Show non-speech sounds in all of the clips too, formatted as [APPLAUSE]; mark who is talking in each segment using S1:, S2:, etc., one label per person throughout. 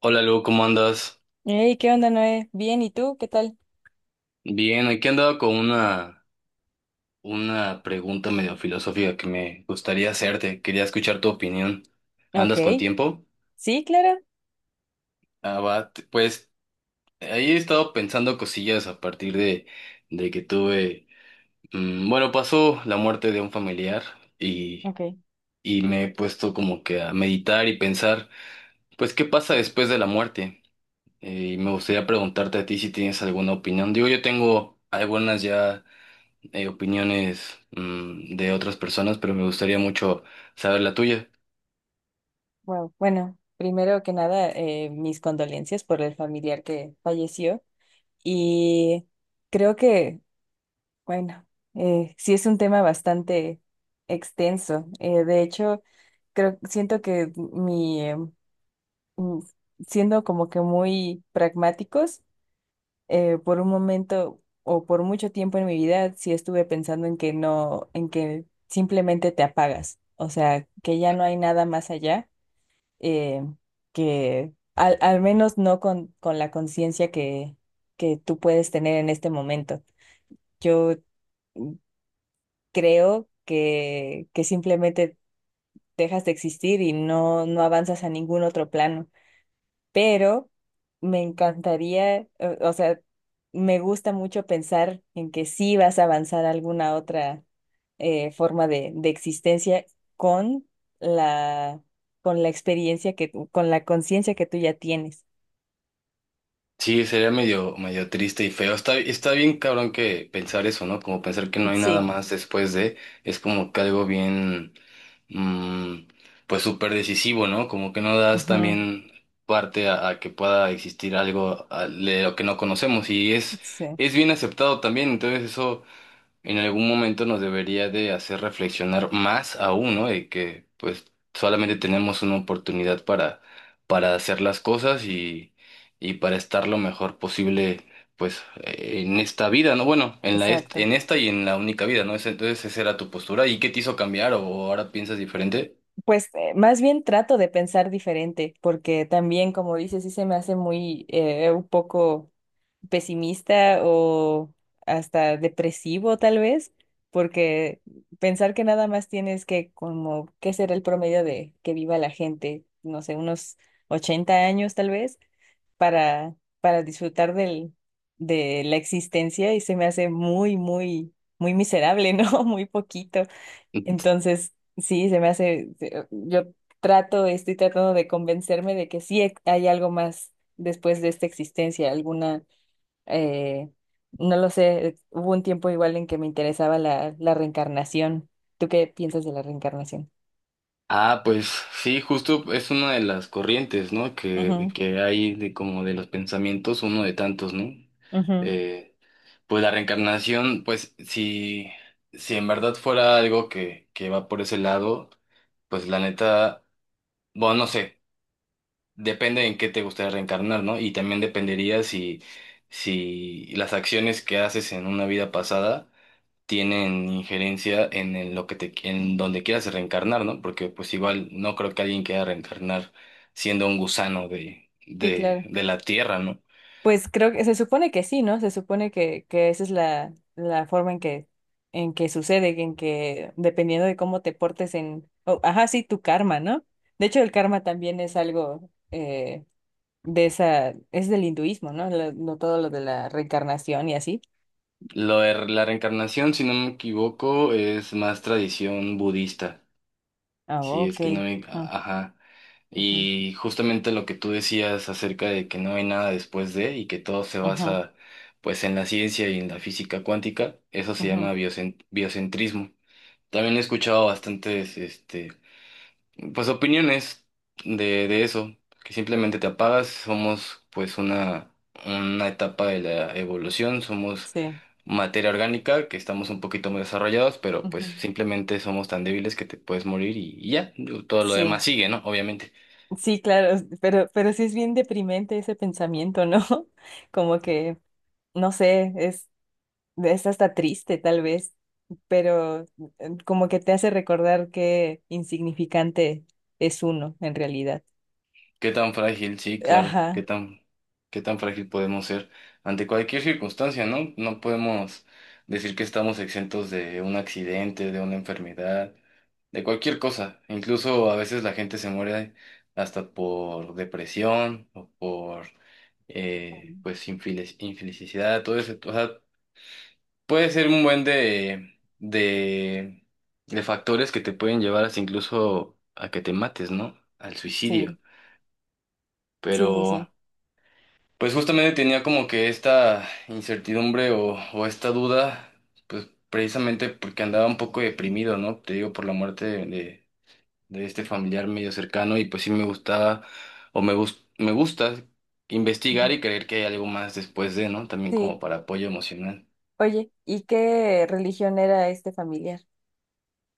S1: Hola Lu, ¿cómo andas?
S2: Hey, ¿qué onda, Noé? Bien, ¿y tú? ¿Qué tal?
S1: Bien, aquí andaba con una pregunta medio filosófica que me gustaría hacerte. Quería escuchar tu opinión.
S2: Ok,
S1: ¿Andas con tiempo?
S2: sí, claro.
S1: Pues ahí he estado pensando cosillas a partir de que tuve... bueno, Pasó la muerte de un familiar y,
S2: Ok,
S1: y me he puesto como que a meditar y pensar, pues, ¿qué pasa después de la muerte? Y me gustaría preguntarte a ti si tienes alguna opinión. Digo, yo tengo algunas ya opiniones de otras personas, pero me gustaría mucho saber la tuya.
S2: wow. Bueno, primero que nada, mis condolencias por el familiar que falleció. Y creo bueno, sí es un tema bastante extenso. De hecho, siento que mm, siendo como que muy pragmáticos, por un momento o por mucho tiempo en mi vida, sí estuve pensando en que no, en que simplemente te apagas, o sea, que ya no hay nada más allá, eh, al menos no con, con la conciencia que tú puedes tener en este momento. Yo creo que simplemente dejas de existir y no avanzas a ningún otro plano. Pero me encantaría, o sea, me gusta mucho pensar en que sí vas a avanzar a alguna otra forma de existencia con la, con la experiencia que con la conciencia que tú ya tienes.
S1: Sí, sería medio triste y feo. Está bien cabrón que pensar eso, ¿no? Como pensar que no hay nada
S2: Sí,
S1: más después de, es como que algo bien, mm, pues súper decisivo, ¿no? Como que no das
S2: ujú,
S1: también parte a, que pueda existir algo de lo que no conocemos y
S2: sí,
S1: es bien aceptado también, entonces eso en algún momento nos debería de hacer reflexionar más aún, ¿no? De que pues solamente tenemos una oportunidad para hacer las cosas y para estar lo mejor posible pues en esta vida, ¿no? Bueno, en la
S2: exacto.
S1: en esta y en la única vida, ¿no? Entonces esa era tu postura. ¿Y qué te hizo cambiar o ahora piensas diferente?
S2: Pues más bien trato de pensar diferente, porque también, como dices, sí se me hace muy un poco pesimista o hasta depresivo tal vez, porque pensar que nada más tienes que como, ¿qué será el promedio de que viva la gente? No sé, unos 80 años tal vez, para, para disfrutar de la existencia y se me hace muy, muy, muy miserable, ¿no? [LAUGHS] Muy poquito. Entonces, sí, se me hace, se- yo estoy tratando de convencerme de que sí hay algo más después de esta existencia, alguna eh, no lo sé, hubo un tiempo igual en que me interesaba la reencarnación. ¿Tú qué piensas de la reencarnación?
S1: Ah, pues sí, justo es una de las corrientes, ¿no?
S2: Ujú,
S1: Que hay de como de los pensamientos, uno de tantos, ¿no?
S2: ujú,
S1: Eh, Pues la reencarnación, pues si, si en verdad fuera algo que va por ese lado, pues la neta, bueno, no sé, depende en qué te gustaría reencarnar, ¿no? Y también dependería si, si las acciones que haces en una vida pasada tienen injerencia en, lo que te, en donde quieras reencarnar, ¿no? Porque pues igual no creo que alguien quiera reencarnar siendo un gusano
S2: sí, claro.
S1: de la tierra, ¿no?
S2: Pues creo que se supone que sí, ¿no? Se supone que esa es la forma en en que sucede, en que dependiendo de cómo te portes en, oh, ajá, sí, tu karma, ¿no? De hecho, el karma también es algo es del hinduismo, ¿no? No todo lo de la reencarnación y así.
S1: Lo de la reencarnación, si no me equivoco, es más tradición budista.
S2: Ah,
S1: Sí, es que no
S2: ok.
S1: hay,
S2: Ah,
S1: ajá.
S2: ujú,
S1: Y justamente lo que tú decías acerca de que no hay nada después de y que todo se
S2: ujú,
S1: basa pues en la ciencia y en la física cuántica, eso se llama
S2: ujú.
S1: biocentrismo. También he escuchado bastantes este pues opiniones de eso, que simplemente te apagas, somos pues una etapa de la evolución, somos
S2: Sí,
S1: materia orgánica, que estamos un poquito más desarrollados, pero pues
S2: ujú,
S1: simplemente somos tan débiles que te puedes morir y ya. Digo, todo lo demás
S2: sí,
S1: sigue, ¿no? Obviamente.
S2: sí, claro, pero sí es bien deprimente ese pensamiento, ¿no? [LAUGHS] Como que, no sé, es hasta triste tal vez, pero como que te hace recordar qué insignificante es uno en realidad.
S1: ¿Qué tan frágil? Sí, claro,
S2: Ajá,
S1: qué tan frágil podemos ser ante cualquier circunstancia, ¿no? No podemos decir que estamos exentos de un accidente, de una enfermedad, de cualquier cosa. Incluso a veces la gente se muere hasta por depresión o por... pues infelicidad, todo eso. Puede ser un buen de factores que te pueden llevar hasta incluso a que te mates, ¿no? Al
S2: sí,
S1: suicidio.
S2: sí, sí,
S1: Pero,
S2: sí.
S1: pues justamente tenía como que esta incertidumbre o esta duda, pues precisamente porque andaba un poco deprimido, ¿no? Te digo, por la muerte de este familiar medio cercano y pues sí me gustaba o me gusta investigar
S2: Ujú.
S1: y creer que hay algo más después de, ¿no? También
S2: Sí,
S1: como para apoyo emocional.
S2: oye, ¿y qué religión era este familiar?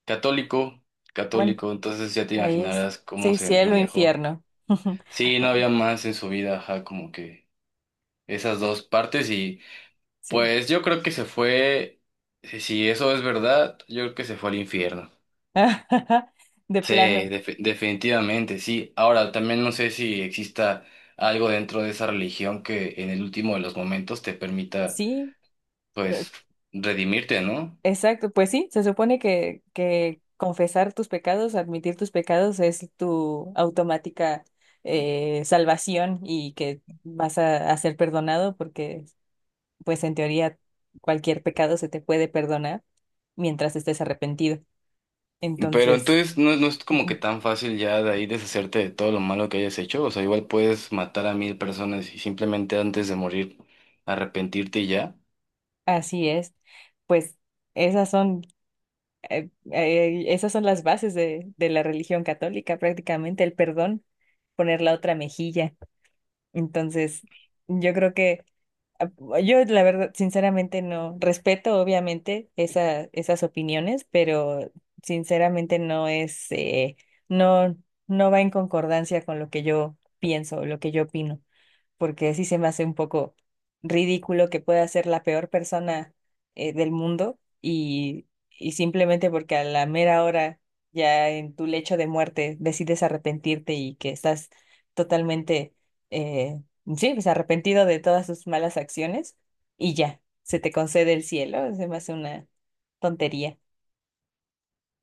S1: Católico,
S2: Bueno,
S1: católico, entonces ya te
S2: ahí es,
S1: imaginarás cómo
S2: sí,
S1: se
S2: cielo,
S1: manejó.
S2: infierno. [LAUGHS]
S1: Sí, no
S2: Bueno,
S1: había más en su vida, ajá, como que esas dos partes y
S2: sí,
S1: pues yo creo que se fue, si si eso es verdad, yo creo que se fue al infierno.
S2: [LAUGHS] de
S1: Sí,
S2: plano.
S1: definitivamente, sí. Ahora, también no sé si exista algo dentro de esa religión que en el último de los momentos te permita,
S2: Sí, eh,
S1: pues, redimirte, ¿no?
S2: exacto. Pues sí, se supone que confesar tus pecados, admitir tus pecados es tu automática salvación y que vas a ser perdonado porque, pues en teoría, cualquier pecado se te puede perdonar mientras estés arrepentido.
S1: Pero
S2: Entonces,
S1: entonces no, no es como que
S2: ujú,
S1: tan fácil ya de ahí deshacerte de todo lo malo que hayas hecho. O sea, igual puedes matar a mil personas y simplemente antes de morir arrepentirte y ya.
S2: así es. Pues esas son, esas son las bases de la religión católica, prácticamente el perdón, poner la otra mejilla. Entonces, yo creo que ah, yo la verdad, sinceramente no respeto obviamente esas opiniones, pero sinceramente no, no va en concordancia con lo que yo pienso, lo que yo opino porque sí se me hace un poco ridículo que pueda ser la peor persona del mundo y simplemente porque a la mera hora, ya en tu lecho de muerte, decides arrepentirte y que estás totalmente, eh, sí, pues arrepentido de todas tus malas acciones y ya, se te concede el cielo, se me hace una tontería.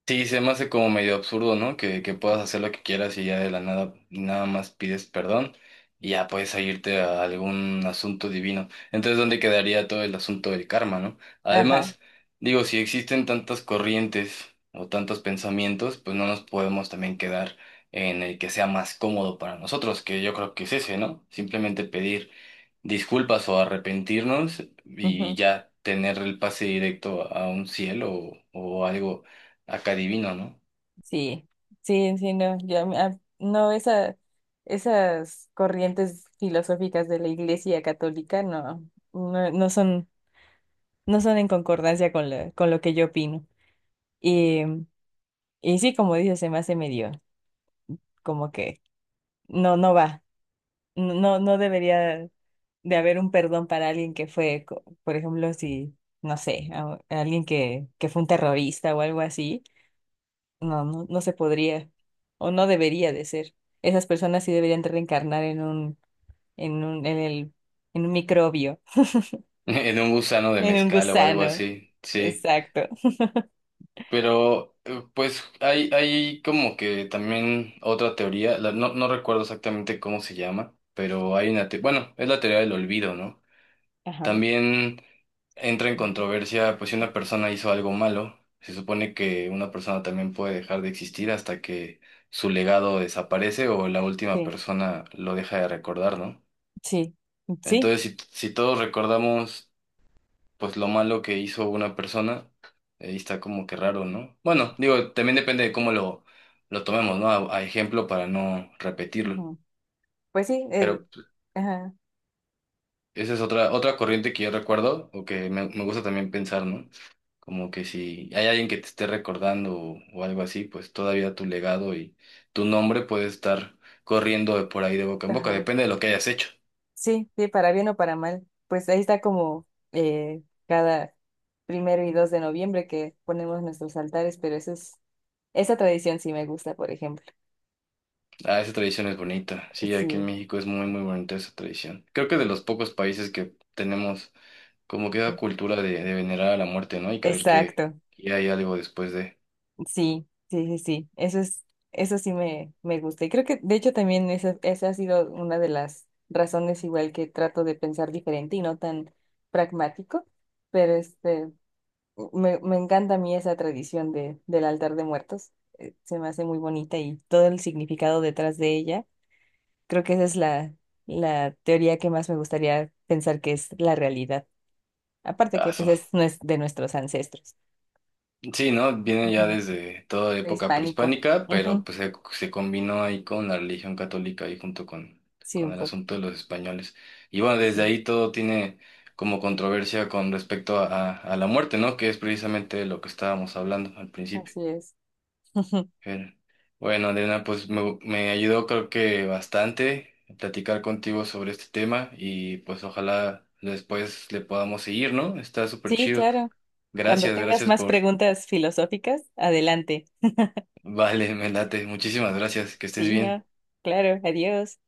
S1: Sí, se me hace como medio absurdo, ¿no? Que puedas hacer lo que quieras y ya de la nada, nada más pides perdón y ya puedes irte a algún asunto divino. Entonces, ¿dónde quedaría todo el asunto del karma, ¿no?
S2: Ajá.
S1: Además, digo, si existen tantas corrientes o tantos pensamientos, pues no nos podemos también quedar en el que sea más cómodo para nosotros, que yo creo que es ese, ¿no? Simplemente pedir disculpas o arrepentirnos y ya tener el pase directo a un cielo o algo acá divino, ¿no?
S2: Sí, sí, sí, no, yo, a mí- a- no, esas corrientes filosóficas de la Iglesia Católica no, no son, no son en concordancia con con lo que yo opino. Y, y sí, como dices, se me hace medio, como que no, no va, no debería de haber un perdón para alguien que fue, por ejemplo, si, no sé, a alguien que fue un terrorista o algo así. No, no, no se podría o no debería de ser. Esas personas sí deberían de reencarnar en un, en un, en el, en un microbio,
S1: [LAUGHS] En un gusano
S2: [LAUGHS]
S1: de
S2: en un
S1: mezcal o algo
S2: gusano.
S1: así, sí.
S2: Exacto.
S1: Pero pues hay como que también otra teoría, no, no recuerdo exactamente cómo se llama, pero hay una, bueno, es la teoría del olvido, ¿no?
S2: Ajá.
S1: También entra en
S2: Ujú.
S1: controversia, pues si una persona hizo algo malo, se supone que una persona también puede dejar de existir hasta que su legado desaparece o la última
S2: Sí,
S1: persona lo deja de recordar, ¿no?
S2: sí, sí.
S1: Entonces, si, si todos recordamos, pues lo malo que hizo una persona, ahí está como que raro, ¿no? Bueno, digo, también depende de cómo lo tomemos, ¿no? A ejemplo para no repetirlo.
S2: Ujú. Pues sí,
S1: Pero pues,
S2: ajá,
S1: esa es otra, otra corriente que yo recuerdo o que me gusta también pensar, ¿no? Como que si hay alguien que te esté recordando o algo así, pues todavía tu legado y tu nombre puede estar corriendo de por ahí de boca en boca,
S2: ajá.
S1: depende de lo que hayas hecho.
S2: Sí, sí, para bien o para mal. Pues ahí está como cada primero y 2 de noviembre que ponemos nuestros altares, pero eso es, esa tradición sí me gusta, por ejemplo.
S1: Ah, esa tradición es bonita. Sí, aquí en
S2: Sí,
S1: México es muy, muy bonita esa tradición. Creo que de los pocos países que tenemos como que esa cultura de venerar a la muerte, ¿no? Y creer
S2: exacto.
S1: que hay algo después de...
S2: Sí, sí, sí, sí. Eso es, eso sí me gusta. Y creo que, de hecho, también esa ha sido una de las razones igual que trato de pensar diferente y no tan pragmático. Pero este, me encanta a mí esa tradición del altar de muertos. Se me hace muy bonita y todo el significado detrás de ella. Creo que esa es la teoría que más me gustaría pensar que es la realidad. Aparte
S1: Ah,
S2: que pues es de nuestros ancestros.
S1: sí, ¿no? Viene ya
S2: Ujú.
S1: desde toda época
S2: Prehispánico.
S1: prehispánica, pero
S2: Ujú.
S1: pues se combinó ahí con la religión católica y junto
S2: Sí,
S1: con
S2: un
S1: el
S2: poco.
S1: asunto de los españoles. Y bueno, desde
S2: Sí,
S1: ahí todo tiene como controversia con respecto a la muerte, ¿no? Que es precisamente lo que estábamos hablando al principio.
S2: así es. [LAUGHS]
S1: Pero, bueno, Adriana, pues me ayudó creo que bastante platicar contigo sobre este tema y pues ojalá después le podamos seguir, ¿no? Está súper
S2: Sí,
S1: chido.
S2: claro. Cuando
S1: Gracias,
S2: tengas
S1: gracias
S2: más
S1: por
S2: preguntas filosóficas, adelante.
S1: vale, [LAUGHS] me late. Muchísimas gracias. Que estés
S2: Sí,
S1: bien.
S2: no. Claro, adiós.